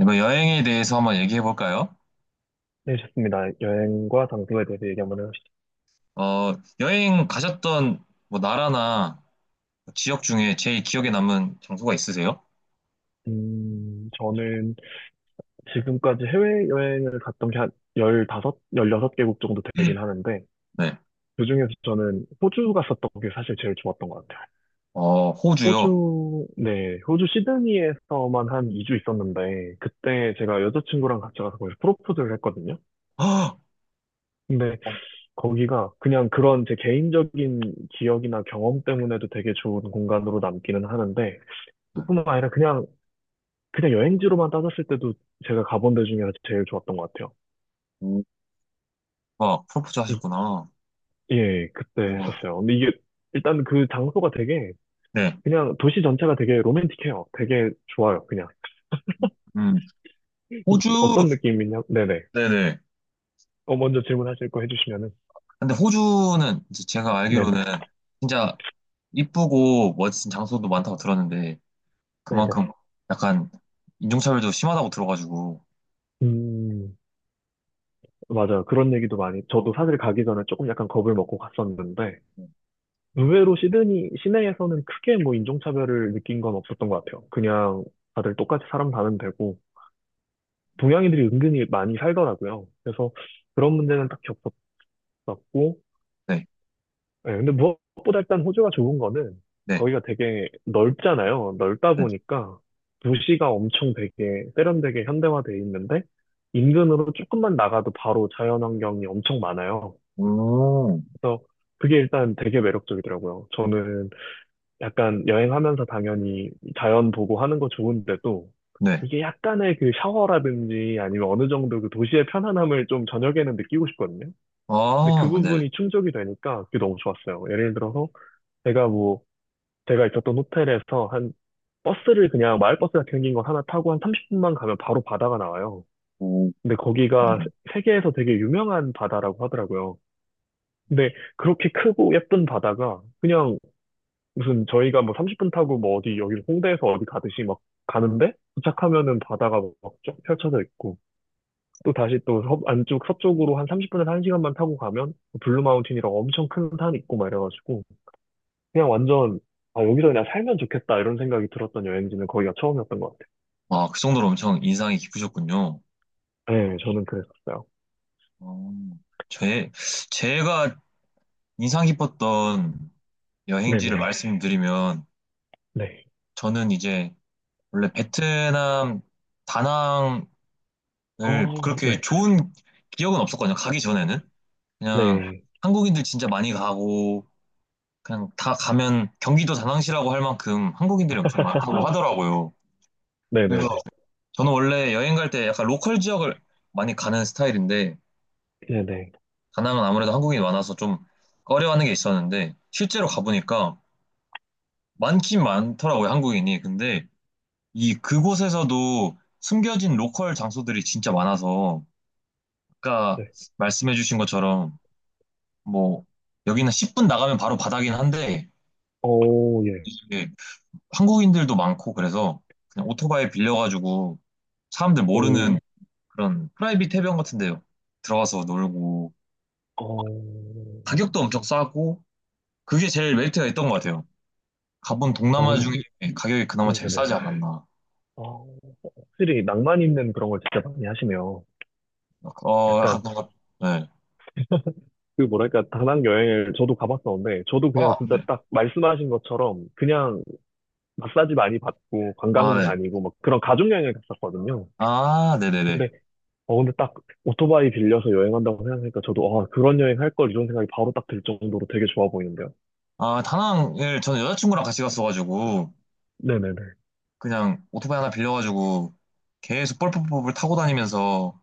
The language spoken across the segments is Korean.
이거 여행에 대해서 한번 얘기해 볼까요? 네, 좋습니다. 여행과 장소에 대해서 얘기 한번 해보시죠. 어, 여행 가셨던 뭐 나라나 지역 중에 제일 기억에 남는 장소가 있으세요? 저는 지금까지 해외여행을 갔던 게한섯열 16개국 정도 되긴 하는데, 네. 그중에서 저는 호주 갔었던 게 사실 제일 좋았던 것 같아요. 어, 호주요. 호주, 네, 호주 시드니에서만 한 2주 있었는데, 그때 제가 여자친구랑 같이 가서 거기서 프로포즈를 했거든요. 헉! 근데 어, 거기가 그냥 그런 제 개인적인 기억이나 경험 때문에도 되게 좋은 공간으로 남기는 하는데, 네. 뿐만 아니라 그냥 여행지로만 따졌을 때도 제가 가본 데 중에 제일 좋았던 것 같아요. 오, 아, 프로포즈 이- 하셨구나. 예, 그때 우와. 했었어요. 근데 이게 일단 그 장소가 되게, 네. 그냥 도시 전체가 되게 로맨틱해요. 되게 좋아요. 그냥 음, 호주, 어떤 느낌이냐? 네네. 네네. 먼저 질문하실 거 해주시면은. 근데 호주는 이제 제가 네네. 알기로는 진짜 이쁘고 멋진 장소도 많다고 들었는데 네네. 그만큼 약간 인종차별도 심하다고 들어가지고. 음 맞아요. 그런 얘기도 많이. 저도 사실 가기 전에 조금 약간 겁을 먹고 갔었는데 의외로 시드니 시내에서는 크게 뭐 인종차별을 느낀 건 없었던 것 같아요. 그냥 다들 똑같이 사람 사는 데고 동양인들이 은근히 많이 살더라고요. 그래서 그런 문제는 딱히 없었고, 네, 예, 근데 무엇보다 일단 호주가 좋은 거는 네, 거기가 되게 넓잖아요. 넓다 네. 보니까 도시가 엄청 되게 세련되게 현대화돼 있는데 인근으로 조금만 나가도 바로 자연환경이 엄청 많아요. 오. 그래서 그게 일단 되게 매력적이더라고요. 저는 약간 여행하면서 당연히 자연 보고 하는 거 좋은데도 네. 이게 약간의 그 샤워라든지 아니면 어느 정도 그 도시의 편안함을 좀 저녁에는 느끼고 싶거든요. 근데 그 아, 네. 부분이 충족이 되니까 그게 너무 좋았어요. 예를 들어서 제가 뭐 제가 있었던 호텔에서 한 버스를 그냥 마을버스 같은 생긴 거 하나 타고 한 30분만 가면 바로 바다가 나와요. 오, 근데 거기가 맞아요. 세계에서 되게 유명한 바다라고 하더라고요. 근데 그렇게 크고 예쁜 바다가 그냥 무슨 저희가 뭐 30분 타고 뭐 어디 여기 홍대에서 어디 가듯이 막 가는데 도착하면은 바다가 막 쫙 펼쳐져 있고 또 다시 또 안쪽 서쪽으로 한 30분에서 1시간만 타고 가면 블루마운틴이라고 엄청 큰 산 있고 막 이래가지고 그냥 완전 아 여기서 그냥 살면 좋겠다 이런 생각이 들었던 여행지는 거기가 처음이었던 것 같아요. 아, 그 정도로 엄청 인상이 깊으셨군요. 네, 저는 그랬었어요. 어, 제, 제가 인상 깊었던 여행지를 네네. 말씀드리면, 네. 네. 저는 이제 원래 베트남 다낭을 어, 그렇게 네. 좋은 기억은 없었거든요. 가기 전에는. 그냥 네. 한국인들 진짜 많이 가고, 그냥 다 가면 경기도 다낭시라고 할 만큼 한국인들이 엄청 많다고 하더라고요. 그래서 네네네. 저는 원래 여행 갈 때 약간 로컬 지역을 많이 가는 스타일인데 네네. 다낭은 아무래도 한국인이 많아서 좀 꺼려하는 게 있었는데 실제로 가보니까 많긴 많더라고요 한국인이. 근데 이 그곳에서도 숨겨진 로컬 장소들이 진짜 많아서 아까 네. 말씀해주신 것처럼, 뭐 여기는 10분 나가면 바로 바다긴 한데 오, 예. 이게 한국인들도 많고 그래서 그냥 오토바이 빌려가지고 사람들 오, 모르는 그런 프라이빗 해변 같은 데요 들어가서 놀고 어, 가격도 엄청 싸고 그게 제일 메리트가 있던 것 같아요. 가본 어, 동남아 근데, 중에 가격이 그나마 제일 네네. 싸지 않았나. 어, 확실히 낭만 있는 그런 걸 진짜 많이 하시네요. 어, 약간 약간 뭔가 네. 그 뭐랄까 다낭 여행을 저도 가봤었는데 저도 그냥 아, 진짜 네. 딱 말씀하신 것처럼 그냥 마사지 많이 받고 아, 관광지 네. 다니고 막 그런 가족 여행을 갔었거든요. 아, 네네네. 근데 근데 딱 오토바이 빌려서 여행한다고 생각하니까 저도 아 그런 여행 할 걸 이런 생각이 바로 딱 들 정도로 되게 좋아 보이는데요. 아, 다낭을 저는 여자친구랑 같이 갔어가지고 네네네. 그냥 오토바이 하나 빌려가지고 계속 뻘뻘뻘 타고 다니면서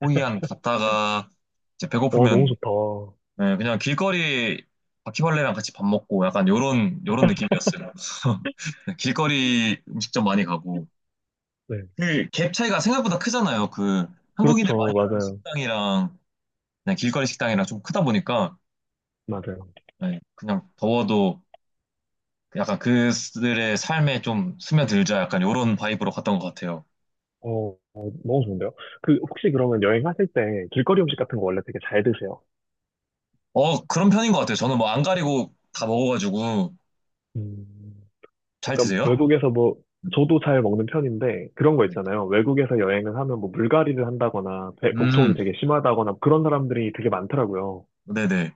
호이안 갔다가 이제 너무 배고프면, 좋다. 네, 그냥 길거리 바퀴벌레랑 같이 밥 먹고 약간 요런 요런 느낌이었어요. 길거리 음식점 많이 가고. 네. 그 갭 차이가 생각보다 크잖아요. 그 한국인들 그렇죠. 많이 가는 맞아요. 식당이랑 그냥 길거리 식당이랑 좀 크다 보니까 맞아요. 네, 그냥 더워도 약간 그들의 삶에 좀 스며들자 약간 요런 바이브로 갔던 것 같아요. 너무 좋은데요. 그 혹시 그러면 여행하실 때 길거리 음식 같은 거 원래 되게 잘 드세요? 어, 그런 편인 것 같아요. 저는 뭐 안 가리고 다 먹어가지고. 음. 잘 약간 드세요? 외국에서 뭐 음, 저도 잘 먹는 편인데 그런 거 네. 있잖아요. 외국에서 여행을 하면 뭐 물갈이를 한다거나 복통이 음, 되게 심하다거나 그런 사람들이 되게 많더라고요. 네네.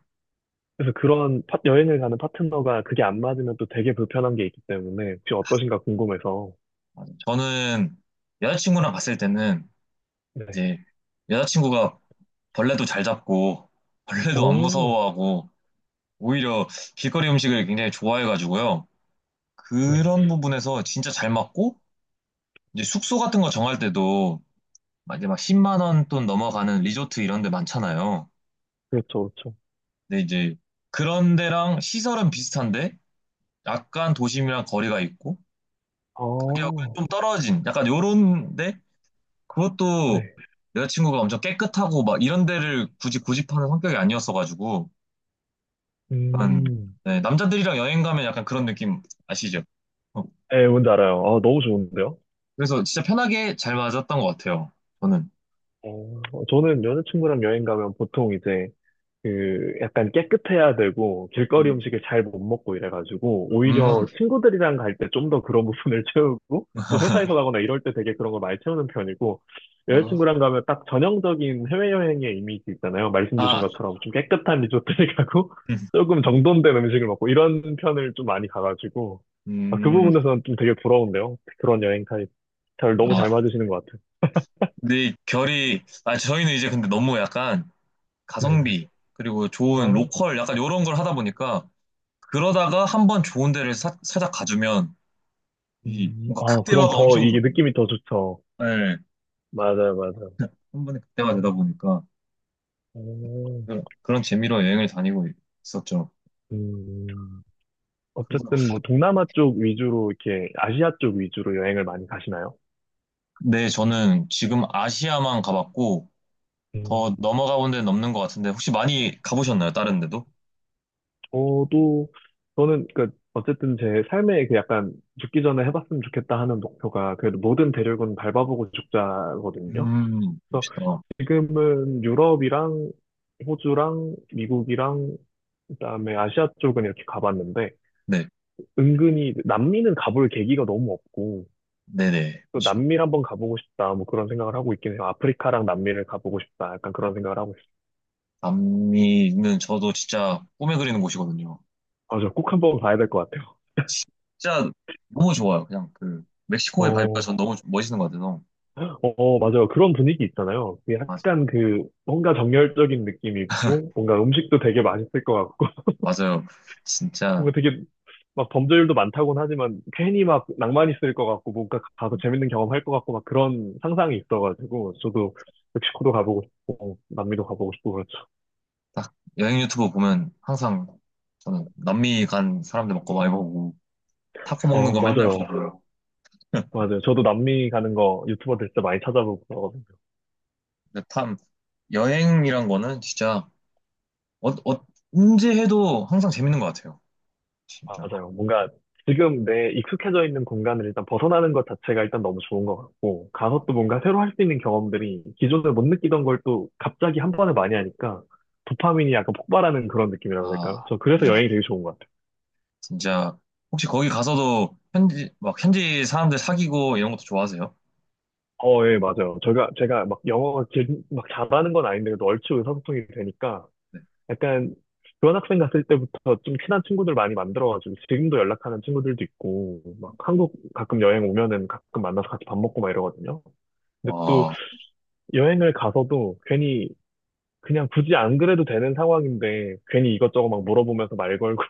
그래서 그런 여행을 가는 파트너가 그게 안 맞으면 또 되게 불편한 게 있기 때문에 혹시 어떠신가 궁금해서. 맞아요. 저는 여자친구랑 갔을 때는 네. 이제 여자친구가 벌레도 잘 잡고 벌레도 안 오, 무서워하고 오히려 길거리 음식을 굉장히 좋아해가지고요. 네. 그런 부분에서 진짜 잘 맞고, 이제 숙소 같은 거 정할 때도 막 이제 막 10만 원 돈 넘어가는 리조트 이런 데 많잖아요. 그렇죠, 그렇죠. 근데 이제 그런 데랑 시설은 비슷한데 약간 도심이랑 거리가 있고 아, 가격은 좀 떨어진 약간 요런데 그것도 네. 여자친구가 엄청 깨끗하고 막 이런 데를 굳이 고집하는 성격이 아니었어가지고 약간, 음. 네, 남자들이랑 여행 가면 약간 그런 느낌 아시죠? 네, 뭔지 알아요. 아, 너무 좋은데요? 그래서 진짜 편하게 잘 맞았던 것 같아요. 저는. 어, 저는 여자친구랑 여행 가면 보통 이제 그 약간 깨끗해야 되고 길거리 음. 음식을 잘 못 먹고 이래가지고 음. 오히려 친구들이랑 갈 때 좀 더 그런 부분을 채우고 또 아, 회사에서 가거나 이럴 때 되게 그런 걸 많이 채우는 편이고 여자친구랑 가면 딱 전형적인 해외여행의 이미지 있잖아요. 말씀 주신 아, 것처럼 좀 깨끗한 리조트를 가고 조금 정돈된 음식을 먹고 이런 편을 좀 많이 가가지고 아, 그 음. 부분에서는 좀 되게 부러운데요. 그런 여행 타입. 잘 너무 아, 잘 맞으시는 것 같아요. 근데 결이, 아, 저희는 이제 근데 너무 약간 네네. 가성비, 그리고 좋은 아, 로컬, 약간 이런 걸 하다 보니까, 그러다가 한 번 좋은 데를 살짝 가주면, 이 뭔가 아, 그럼 극대화가 더 엄청, 이게 느낌이 더 좋죠. 네, 맞아요, 맞아요. 한 번에 극대화 되다 어, 보니까, 어, 그런 재미로 여행을 다니고 있었죠. 음, 그래서, 어쨌든 뭐 동남아 쪽 위주로 이렇게 아시아 쪽 위주로 여행을 많이 가시나요? 네, 저는 지금 아시아만 가봤고, 더 음, 넘어가 본 데는 없는 것 같은데 혹시 많이 가보셨나요? 다른 데도? 저도 저는 그 어쨌든 제 삶에 그 약간 죽기 전에 해봤으면 좋겠다 하는 목표가 그래도 모든 대륙은 밟아보고 죽자거든요. 그래서 멋있다. 지금은 유럽이랑 호주랑 미국이랑 그다음에 아시아 쪽은 이렇게 가봤는데 네, 은근히 남미는 가볼 계기가 너무 없고 네네, 또 그렇죠. 남미를 한번 가보고 싶다. 뭐 그런 생각을 하고 있긴 해요. 아프리카랑 남미를 가보고 싶다. 약간 그런 생각을 하고 있어요. 남미는 저도 진짜 꿈에 그리는 곳이거든요. 맞아. 꼭 한번 가야 될 것 같아요. 진짜 너무 좋아요. 그냥 그 멕시코의 바이브가 어, 전 너무 멋있는 것 같아서. 어, 어, 맞아요. 그런 분위기 있잖아요. 그게 맞아, 약간 그 뭔가 정열적인 느낌이고 뭔가 음식도 되게 맛있을 것 같고 맞아요. 진짜 뭔가 되게 막 범죄율도 많다고는 하지만 괜히 막 낭만 있을 것 같고 뭔가 가서 재밌는 경험 할 것 같고 막 그런 상상이 있어가지고 저도 멕시코도 가보고 싶고 어, 남미도 가보고 싶고 그렇죠. 딱. 여행 유튜브 보면 항상 저는 남미 간 사람들 먹고 많이 보고 타코 먹는 어, 거 맨날 맞아요. 보고요. 맞아요. 저도 남미 가는 거 유튜버들 진짜 많이 찾아보고 근데 참 여행이란 거는 진짜 어, 어, 언제 해도 항상 재밌는 것 같아요. 진짜. 맞아요. 뭔가 지금 내 익숙해져 있는 공간을 일단 벗어나는 것 자체가 일단 너무 좋은 것 같고, 가서 또 뭔가 새로 할 수 있는 경험들이 기존에 못 느끼던 걸 또 갑자기 한 번에 많이 하니까 도파민이 약간 폭발하는 그런 느낌이라고 해야 아, 될까요? 저 그래서 그죠. 여행이 되게 좋은 것 같아요. 진짜 혹시 거기 가서도 현지 막 현지 사람들 사귀고 이런 것도 좋아하세요? 어, 예, 맞아요. 제가 막 영어가 막 잘하는 건 아닌데, 그래도 얼추 의사소통이 되니까 약간 교환학생 갔을 때부터 좀 친한 친구들 많이 만들어가지고 지금도 연락하는 친구들도 있고, 막 한국 가끔 여행 오면은 가끔 만나서 같이 밥 먹고 막 이러거든요. 근데 또 와. 여행을 가서도 괜히 그냥 굳이 안 그래도 되는 상황인데 괜히 이것저것 막 물어보면서 말 걸고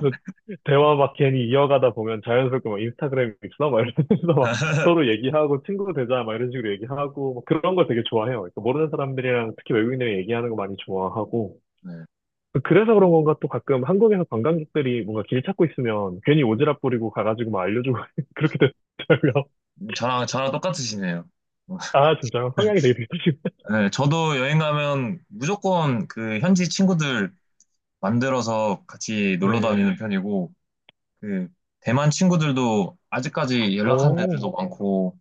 대화 막 괜히 이어가다 보면 자연스럽게 막 인스타그램 있어? 막 이러면서 막 서로 얘기하고 친구 되자 막 이런 식으로 얘기하고 막 그런 걸 되게 좋아해요. 그러니까 모르는 사람들이랑 특히 외국인들이 얘기하는 거 많이 좋아하고 네. 그래서 그런 건가 또 가끔 한국에서 관광객들이 뭔가 길 찾고 있으면 괜히 오지랖 부리고 가가지고 막 알려주고 그렇게 되더라고요. 저랑 똑같으시네요. 아 진짜 성향이 되게 비슷하시네. 네, 저도 여행 가면 무조건 그 현지 친구들 만들어서 같이 놀러 다니는 네. 편이고, 그 대만 친구들도 아직까지 연락하는 애들도 오, 많고,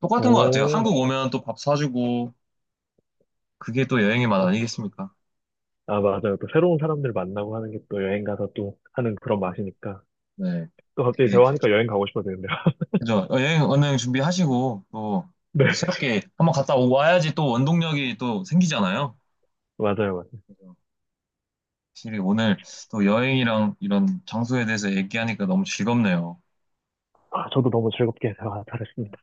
똑같은 것 같아요. 오. 한국 오면 또 밥 사주고, 그게 또 여행의 맛 아니겠습니까? 아, 맞아요. 또 새로운 사람들 만나고 하는 게 또 여행 가서 또 하는 그런 맛이니까. 네. 또 갑자기 네. 대화하니까 여행 가고 싶어지는데요. 그죠? 어, 여행, 언행 준비하시고, 또, 네, 또 새롭게 한번 갔다 와야지 또 원동력이 또 생기잖아요. 맞아요, 맞아요. 그죠? 확실히 오늘 또 여행이랑 이런 장소에 대해서 얘기하니까 너무 즐겁네요. 아, 저도 너무 즐겁게 대화 잘했습니다.